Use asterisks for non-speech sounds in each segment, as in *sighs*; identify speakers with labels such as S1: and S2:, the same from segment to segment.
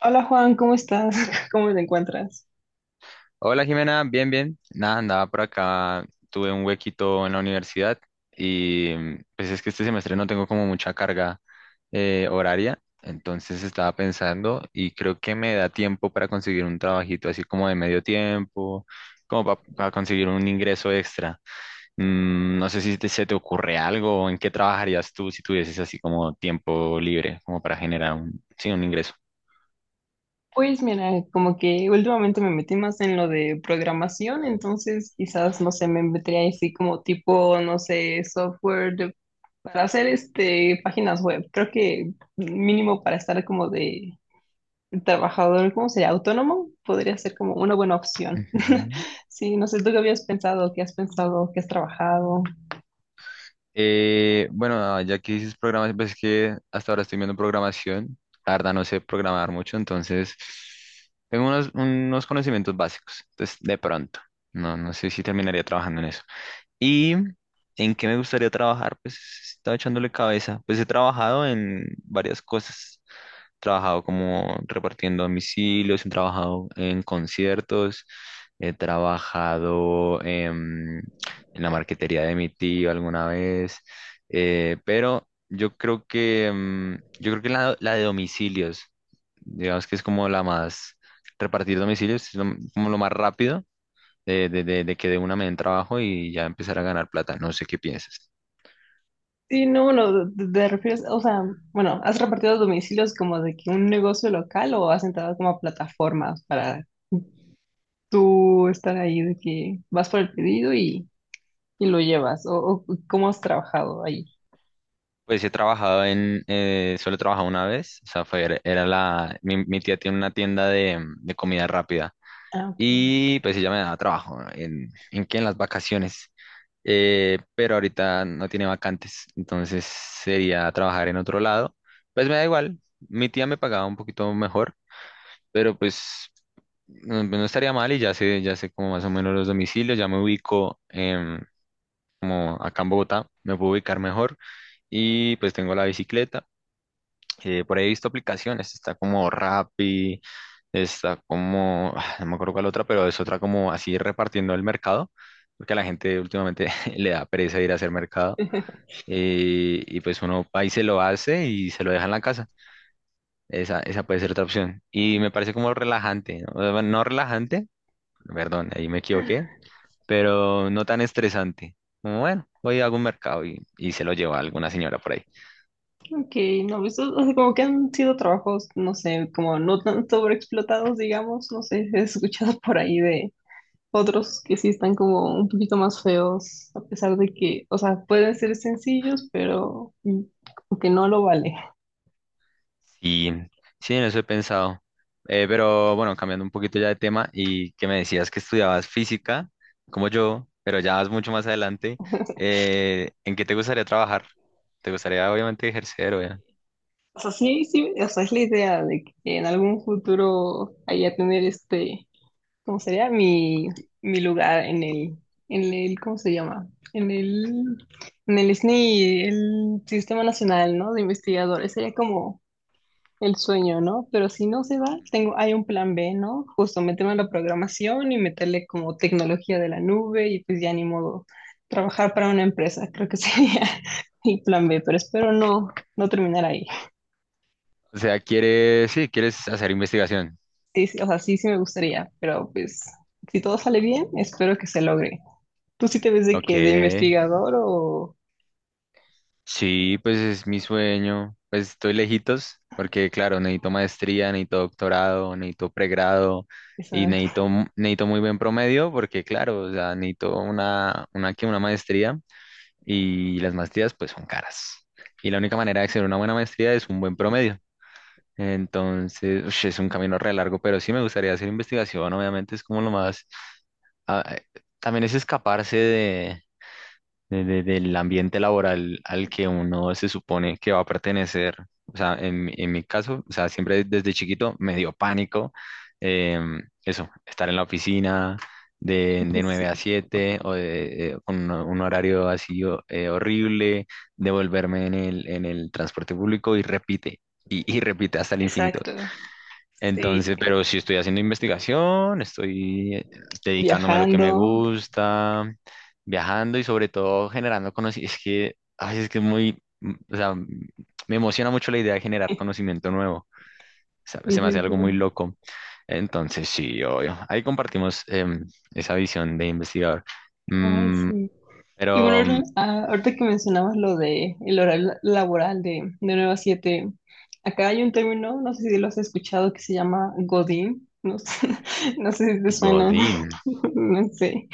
S1: Hola Juan, ¿cómo estás? *laughs* ¿Cómo te encuentras?
S2: Hola Jimena, bien, bien. Nada, andaba por acá, tuve un huequito en la universidad y pues es que este semestre no tengo como mucha carga horaria. Entonces estaba pensando y creo que me da tiempo para conseguir un trabajito así como de medio tiempo, como para conseguir un ingreso extra. No sé si te- se te ocurre algo, o en qué trabajarías tú si tuvieses así como tiempo libre, como para generar un, sí, un ingreso.
S1: Pues mira, como que últimamente me metí más en lo de programación, entonces quizás, no sé, me metería así como tipo, no sé, para hacer este páginas web. Creo que mínimo para estar como de trabajador, ¿cómo sería? Autónomo, podría ser como una buena opción. *laughs*
S2: Ujú.
S1: Sí, no sé, ¿tú qué habías pensado? ¿Qué has pensado? ¿Qué has trabajado?
S2: Bueno, ya que dices programas, pues es que hasta ahora estoy viendo programación. La verdad no sé programar mucho, entonces tengo unos conocimientos básicos. Entonces, de pronto, no sé si terminaría trabajando en eso. ¿Y en qué me gustaría trabajar? Pues estaba echándole cabeza. Pues he trabajado en varias cosas. He trabajado como repartiendo domicilios, he trabajado en conciertos, he trabajado en la marquetería de mi tío alguna vez. Pero yo creo que yo creo que la de domicilios, digamos que es como la más repartir domicilios, es lo- como lo más rápido de que de una me den trabajo y ya empezar a ganar plata. No sé qué piensas.
S1: Sí, no, bueno, te refieres, o sea, bueno, ¿has repartido domicilios como de que un negocio local o has entrado como a plataformas para tú estar ahí de que vas por el pedido y lo llevas? O cómo has trabajado ahí?
S2: Pues he trabajado en, solo he trabajado una vez, o sea, fue, era mi tía tiene una tienda de comida rápida,
S1: Ah, ok.
S2: y pues ella me daba trabajo, en qué? En las vacaciones. Pero ahorita no tiene vacantes, entonces sería trabajar en otro lado. Pues me da igual, mi tía me pagaba un poquito mejor, pero pues no estaría mal. Y ya sé como más o menos los domicilios, ya me ubico, como acá en Bogotá, me puedo ubicar mejor, y pues tengo la bicicleta. Por ahí he visto aplicaciones, está como Rappi, está como, *sighs* ah, no me acuerdo cuál otra, pero es otra como así repartiendo el mercado, porque a la gente últimamente *laughs* le da pereza ir a hacer mercado,
S1: *laughs*
S2: y pues uno va y se lo hace y se lo deja en la casa. Esa puede ser otra opción. Y me parece como relajante, ¿no? O sea, bueno, no relajante, perdón, ahí me equivoqué, pero no tan estresante. Como, bueno, voy a algún mercado y se lo lleva alguna señora por ahí.
S1: Ok, no, pues, o sea, como que han sido trabajos, no sé, como no tan sobreexplotados, digamos, no sé, he escuchado por ahí de otros que sí están como un poquito más feos, a pesar de que, o sea, pueden ser sencillos, pero mm, como que no lo vale.
S2: Sí, sí, en eso he pensado. Pero bueno, cambiando un poquito ya de tema, y que me decías que estudiabas física, como yo, pero ya vas mucho más adelante,
S1: *laughs*
S2: ¿en qué te gustaría trabajar? ¿Te gustaría obviamente ejercer o ya?
S1: O sea, sí, sí, o sea, es la idea de que en algún futuro haya tener este, ¿cómo sería? Mi lugar en el, ¿cómo se llama? En el SNI, el Sistema Nacional, ¿no? De Investigadores. Sería como el sueño, ¿no? Pero si no se va, tengo, hay un plan B, ¿no? Justo meterme en la programación y meterle como tecnología de la nube y pues ya ni modo trabajar para una empresa, creo que sería *laughs* mi plan B, pero espero no terminar ahí.
S2: O sea, quieres, sí, quieres hacer investigación.
S1: Sí, sí, o sea, sí, sí me gustaría, pero pues si todo sale bien, espero que se logre. ¿Tú sí te ves de
S2: Ok,
S1: qué? ¿De investigador o...?
S2: sí, pues es mi sueño. Pues estoy lejitos porque, claro, necesito maestría, necesito doctorado, necesito pregrado y
S1: Exacto,
S2: necesito, mu- necesito muy buen promedio porque, claro, o sea, necesito una maestría, y las maestrías pues son caras. Y la única manera de hacer una buena maestría es un buen promedio. Entonces, ush, es un camino re largo, pero sí me gustaría hacer investigación, obviamente es como lo más... ah, también es escaparse del ambiente laboral al que uno se supone que va a pertenecer. O sea, en mi caso, o sea, siempre desde chiquito me dio pánico eso, estar en la oficina
S1: *laughs*
S2: de nueve a
S1: sí,
S2: siete o de, con un horario así o- horrible, devolverme en en el transporte público y repite, y repite hasta el infinito.
S1: exacto, sí,
S2: Entonces, pero sí estoy haciendo investigación, estoy dedicándome a lo que me
S1: viajando.
S2: gusta, viajando y sobre todo generando conocimiento. Es que, ay, es que es muy, o sea, me emociona mucho la idea de generar
S1: *laughs*
S2: conocimiento nuevo. O sea,
S1: Sí,
S2: se me hace
S1: sí,
S2: algo muy
S1: sí.
S2: loco. Entonces, sí, obvio. Ahí compartimos esa visión de investigador.
S1: Ay,
S2: Mm,
S1: sí. Y bueno,
S2: pero, mm,
S1: ahorita que mencionabas lo de el horario laboral de 9 a 7, acá hay un término, no sé si lo has escuchado, que se llama Godín. No sé, *laughs* no sé si te suena,
S2: Godín,
S1: *laughs* no sé.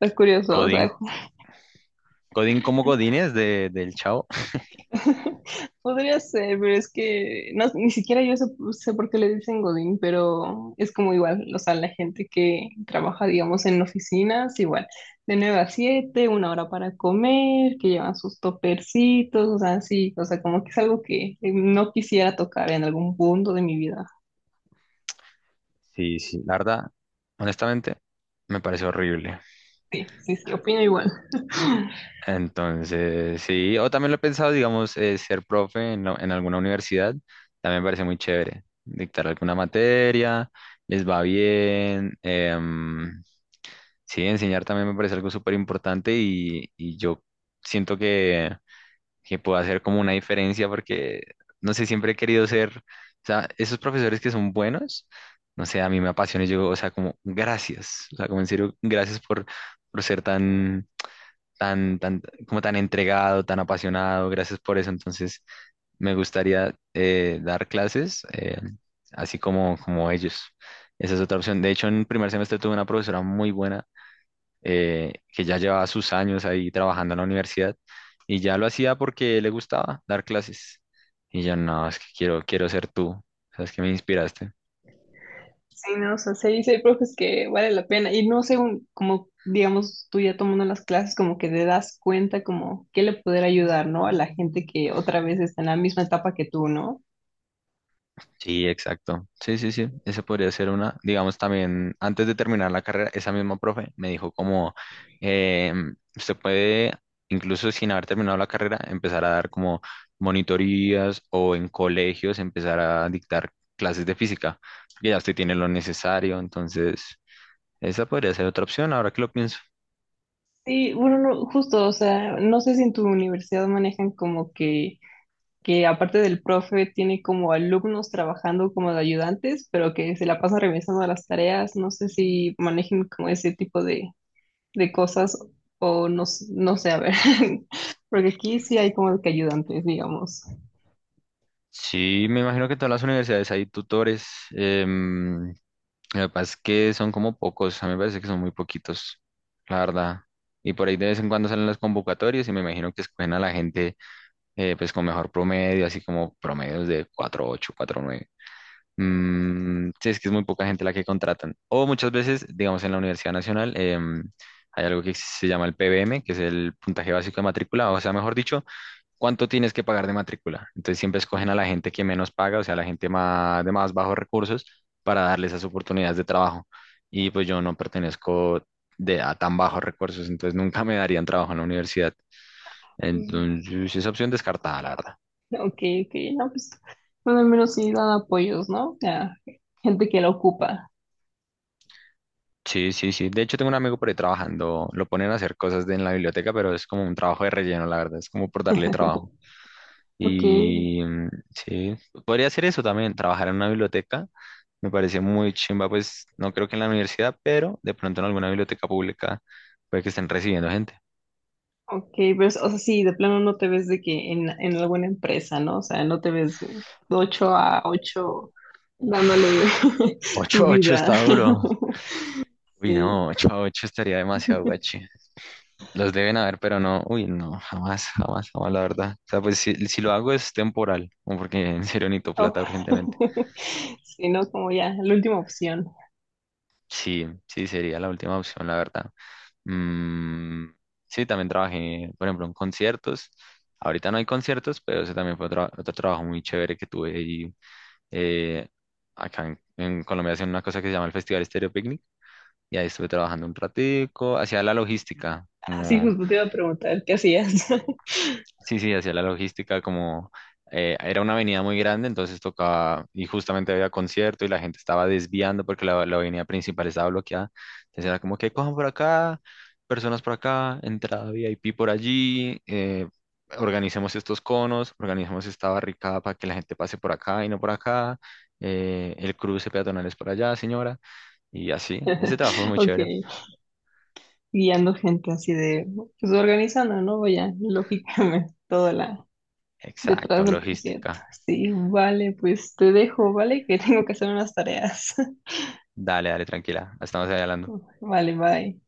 S1: Está curioso, o
S2: Godín,
S1: sea,
S2: Godín como Godínez de, del Chavo.
S1: *laughs* podría ser, pero es que no, ni siquiera yo sé, sé por qué le dicen Godín, pero es como igual, o sea, la gente que trabaja, digamos, en oficinas, igual, de 9 a 7, una hora para comer, que llevan sus topercitos, o sea, sí, o sea, como que es algo que no quisiera tocar en algún punto de mi vida.
S2: Sí, sí, la verdad, honestamente, me parece horrible.
S1: Sí, sí, sí, opino igual.
S2: Entonces, sí, o también lo he pensado, digamos, ser profe en alguna universidad, también me parece muy chévere. Dictar alguna materia, les va bien. Sí, enseñar también me parece algo súper importante, y yo siento que pueda hacer como una diferencia porque, no sé, siempre he querido ser, o sea, esos profesores que son buenos, no sé, a mí me apasiona, y yo, o sea, como gracias, o sea, como en serio, gracias por ser tan, tan, tan, como tan entregado, tan apasionado, gracias por eso, entonces me gustaría dar clases, así como, como ellos. Esa es otra opción. De hecho, en primer semestre tuve una profesora muy buena, que ya llevaba sus años ahí trabajando en la universidad y ya lo hacía porque le gustaba dar clases. Y yo, no, es que quiero, quiero ser tú, sabes que me inspiraste.
S1: Sí, no, o sea, sí, sí hay profes que vale la pena. Y no sé, como digamos, tú ya tomando las clases, como que te das cuenta como que le poder ayudar, ¿no? A la gente que otra vez está en la misma etapa que tú, ¿no?
S2: Sí, exacto. Sí, sí, sí, esa podría ser una. Digamos también, antes de terminar la carrera, esa misma profe me dijo como, eh, usted puede, incluso sin haber terminado la carrera, empezar a dar como monitorías, o en colegios empezar a dictar clases de física, porque ya usted tiene lo necesario, entonces esa podría ser otra opción, ahora que lo pienso.
S1: Sí, bueno, no, justo, o sea, no sé si en tu universidad manejan como que aparte del profe tiene como alumnos trabajando como de ayudantes, pero que se la pasan revisando las tareas, no sé si manejen como ese tipo de cosas o no, no sé, a ver, *laughs* porque aquí sí hay como que ayudantes, digamos.
S2: Sí, me imagino que en todas las universidades hay tutores. em, lo que pasa es que son como pocos, a mí me parece que son muy poquitos, la verdad. Y por ahí de vez en cuando salen las convocatorias y me imagino que escogen a la gente, pues con mejor promedio, así como promedios de 4.8, 4.9. Mm, sí, es que es muy poca gente la que contratan. O muchas veces, digamos, en la Universidad Nacional hay algo que se llama el PBM, que es el puntaje básico de matrícula, o sea, mejor dicho, cuánto tienes que pagar de matrícula. Entonces siempre escogen a la gente que menos paga, o sea, a la gente más, de más bajos recursos, para darles esas oportunidades de trabajo. Y pues yo no pertenezco a tan bajos recursos, entonces nunca me darían trabajo en la universidad.
S1: Mm.
S2: Entonces esa opción descartada, la verdad.
S1: Ok, ok, no, pues, bueno, al menos sí dan apoyos, ¿no? Ya, gente que la ocupa.
S2: Sí, sí, sí. De hecho, tengo un amigo por ahí trabajando, lo ponen a hacer cosas de- en la biblioteca, pero es como un trabajo de relleno, la verdad, es como por darle trabajo.
S1: Ok,
S2: Y mm, sí, podría hacer eso también, trabajar en una biblioteca. Me parece muy chimba, pues no creo que en la universidad, pero de pronto en alguna biblioteca pública puede que estén recibiendo gente.
S1: ok, pero, o sea, sí, de plano no te ves de que en alguna empresa, ¿no? O sea, no te ves de 8 a 8 dándole
S2: Uf,
S1: *laughs* tu
S2: ocho 8
S1: vida.
S2: está duro.
S1: *laughs*
S2: Uy,
S1: Sí.
S2: no, 8-8 estaría demasiado guachi. Los deben haber, pero no, uy, no, jamás, jamás, jamás, la verdad. O sea, pues si, si lo hago es temporal, como porque *laughs* en serio necesito
S1: Oh.
S2: plata urgentemente.
S1: *laughs* Sí, ¿no? Como ya, la última opción.
S2: Sí, sí, sería la última opción, la verdad. Mm, sí, también trabajé, por ejemplo, en conciertos. Ahorita no hay conciertos, pero ese también fue otra- otro, trabajo muy chévere que tuve y eh, acá en Colombia hacen una cosa que se llama el Festival Estéreo Picnic, y ahí estuve trabajando un ratico, hacía la logística,
S1: Así
S2: como
S1: justo te iba a preguntar, ¿qué hacías? *laughs*
S2: sí, sí, hacía la logística como era una avenida muy grande, entonces tocaba, y justamente había concierto y la gente estaba desviando porque la avenida principal estaba bloqueada. Entonces era como que cojan por acá, personas por acá, entrada VIP por allí, organicemos estos conos, organicemos esta barricada para que la gente pase por acá y no por acá, el cruce peatonal es por allá, señora, y así. Ese trabajo fue muy
S1: Ok,
S2: chévere.
S1: guiando gente así de, pues organizando, ¿no? Vaya, lógicamente, toda la detrás
S2: Exacto,
S1: del concierto.
S2: logística.
S1: Sí, vale, pues te dejo, ¿vale? Que *laughs* tengo que hacer unas tareas.
S2: Dale, dale, tranquila, estamos ahí hablando.
S1: *laughs* Vale, bye.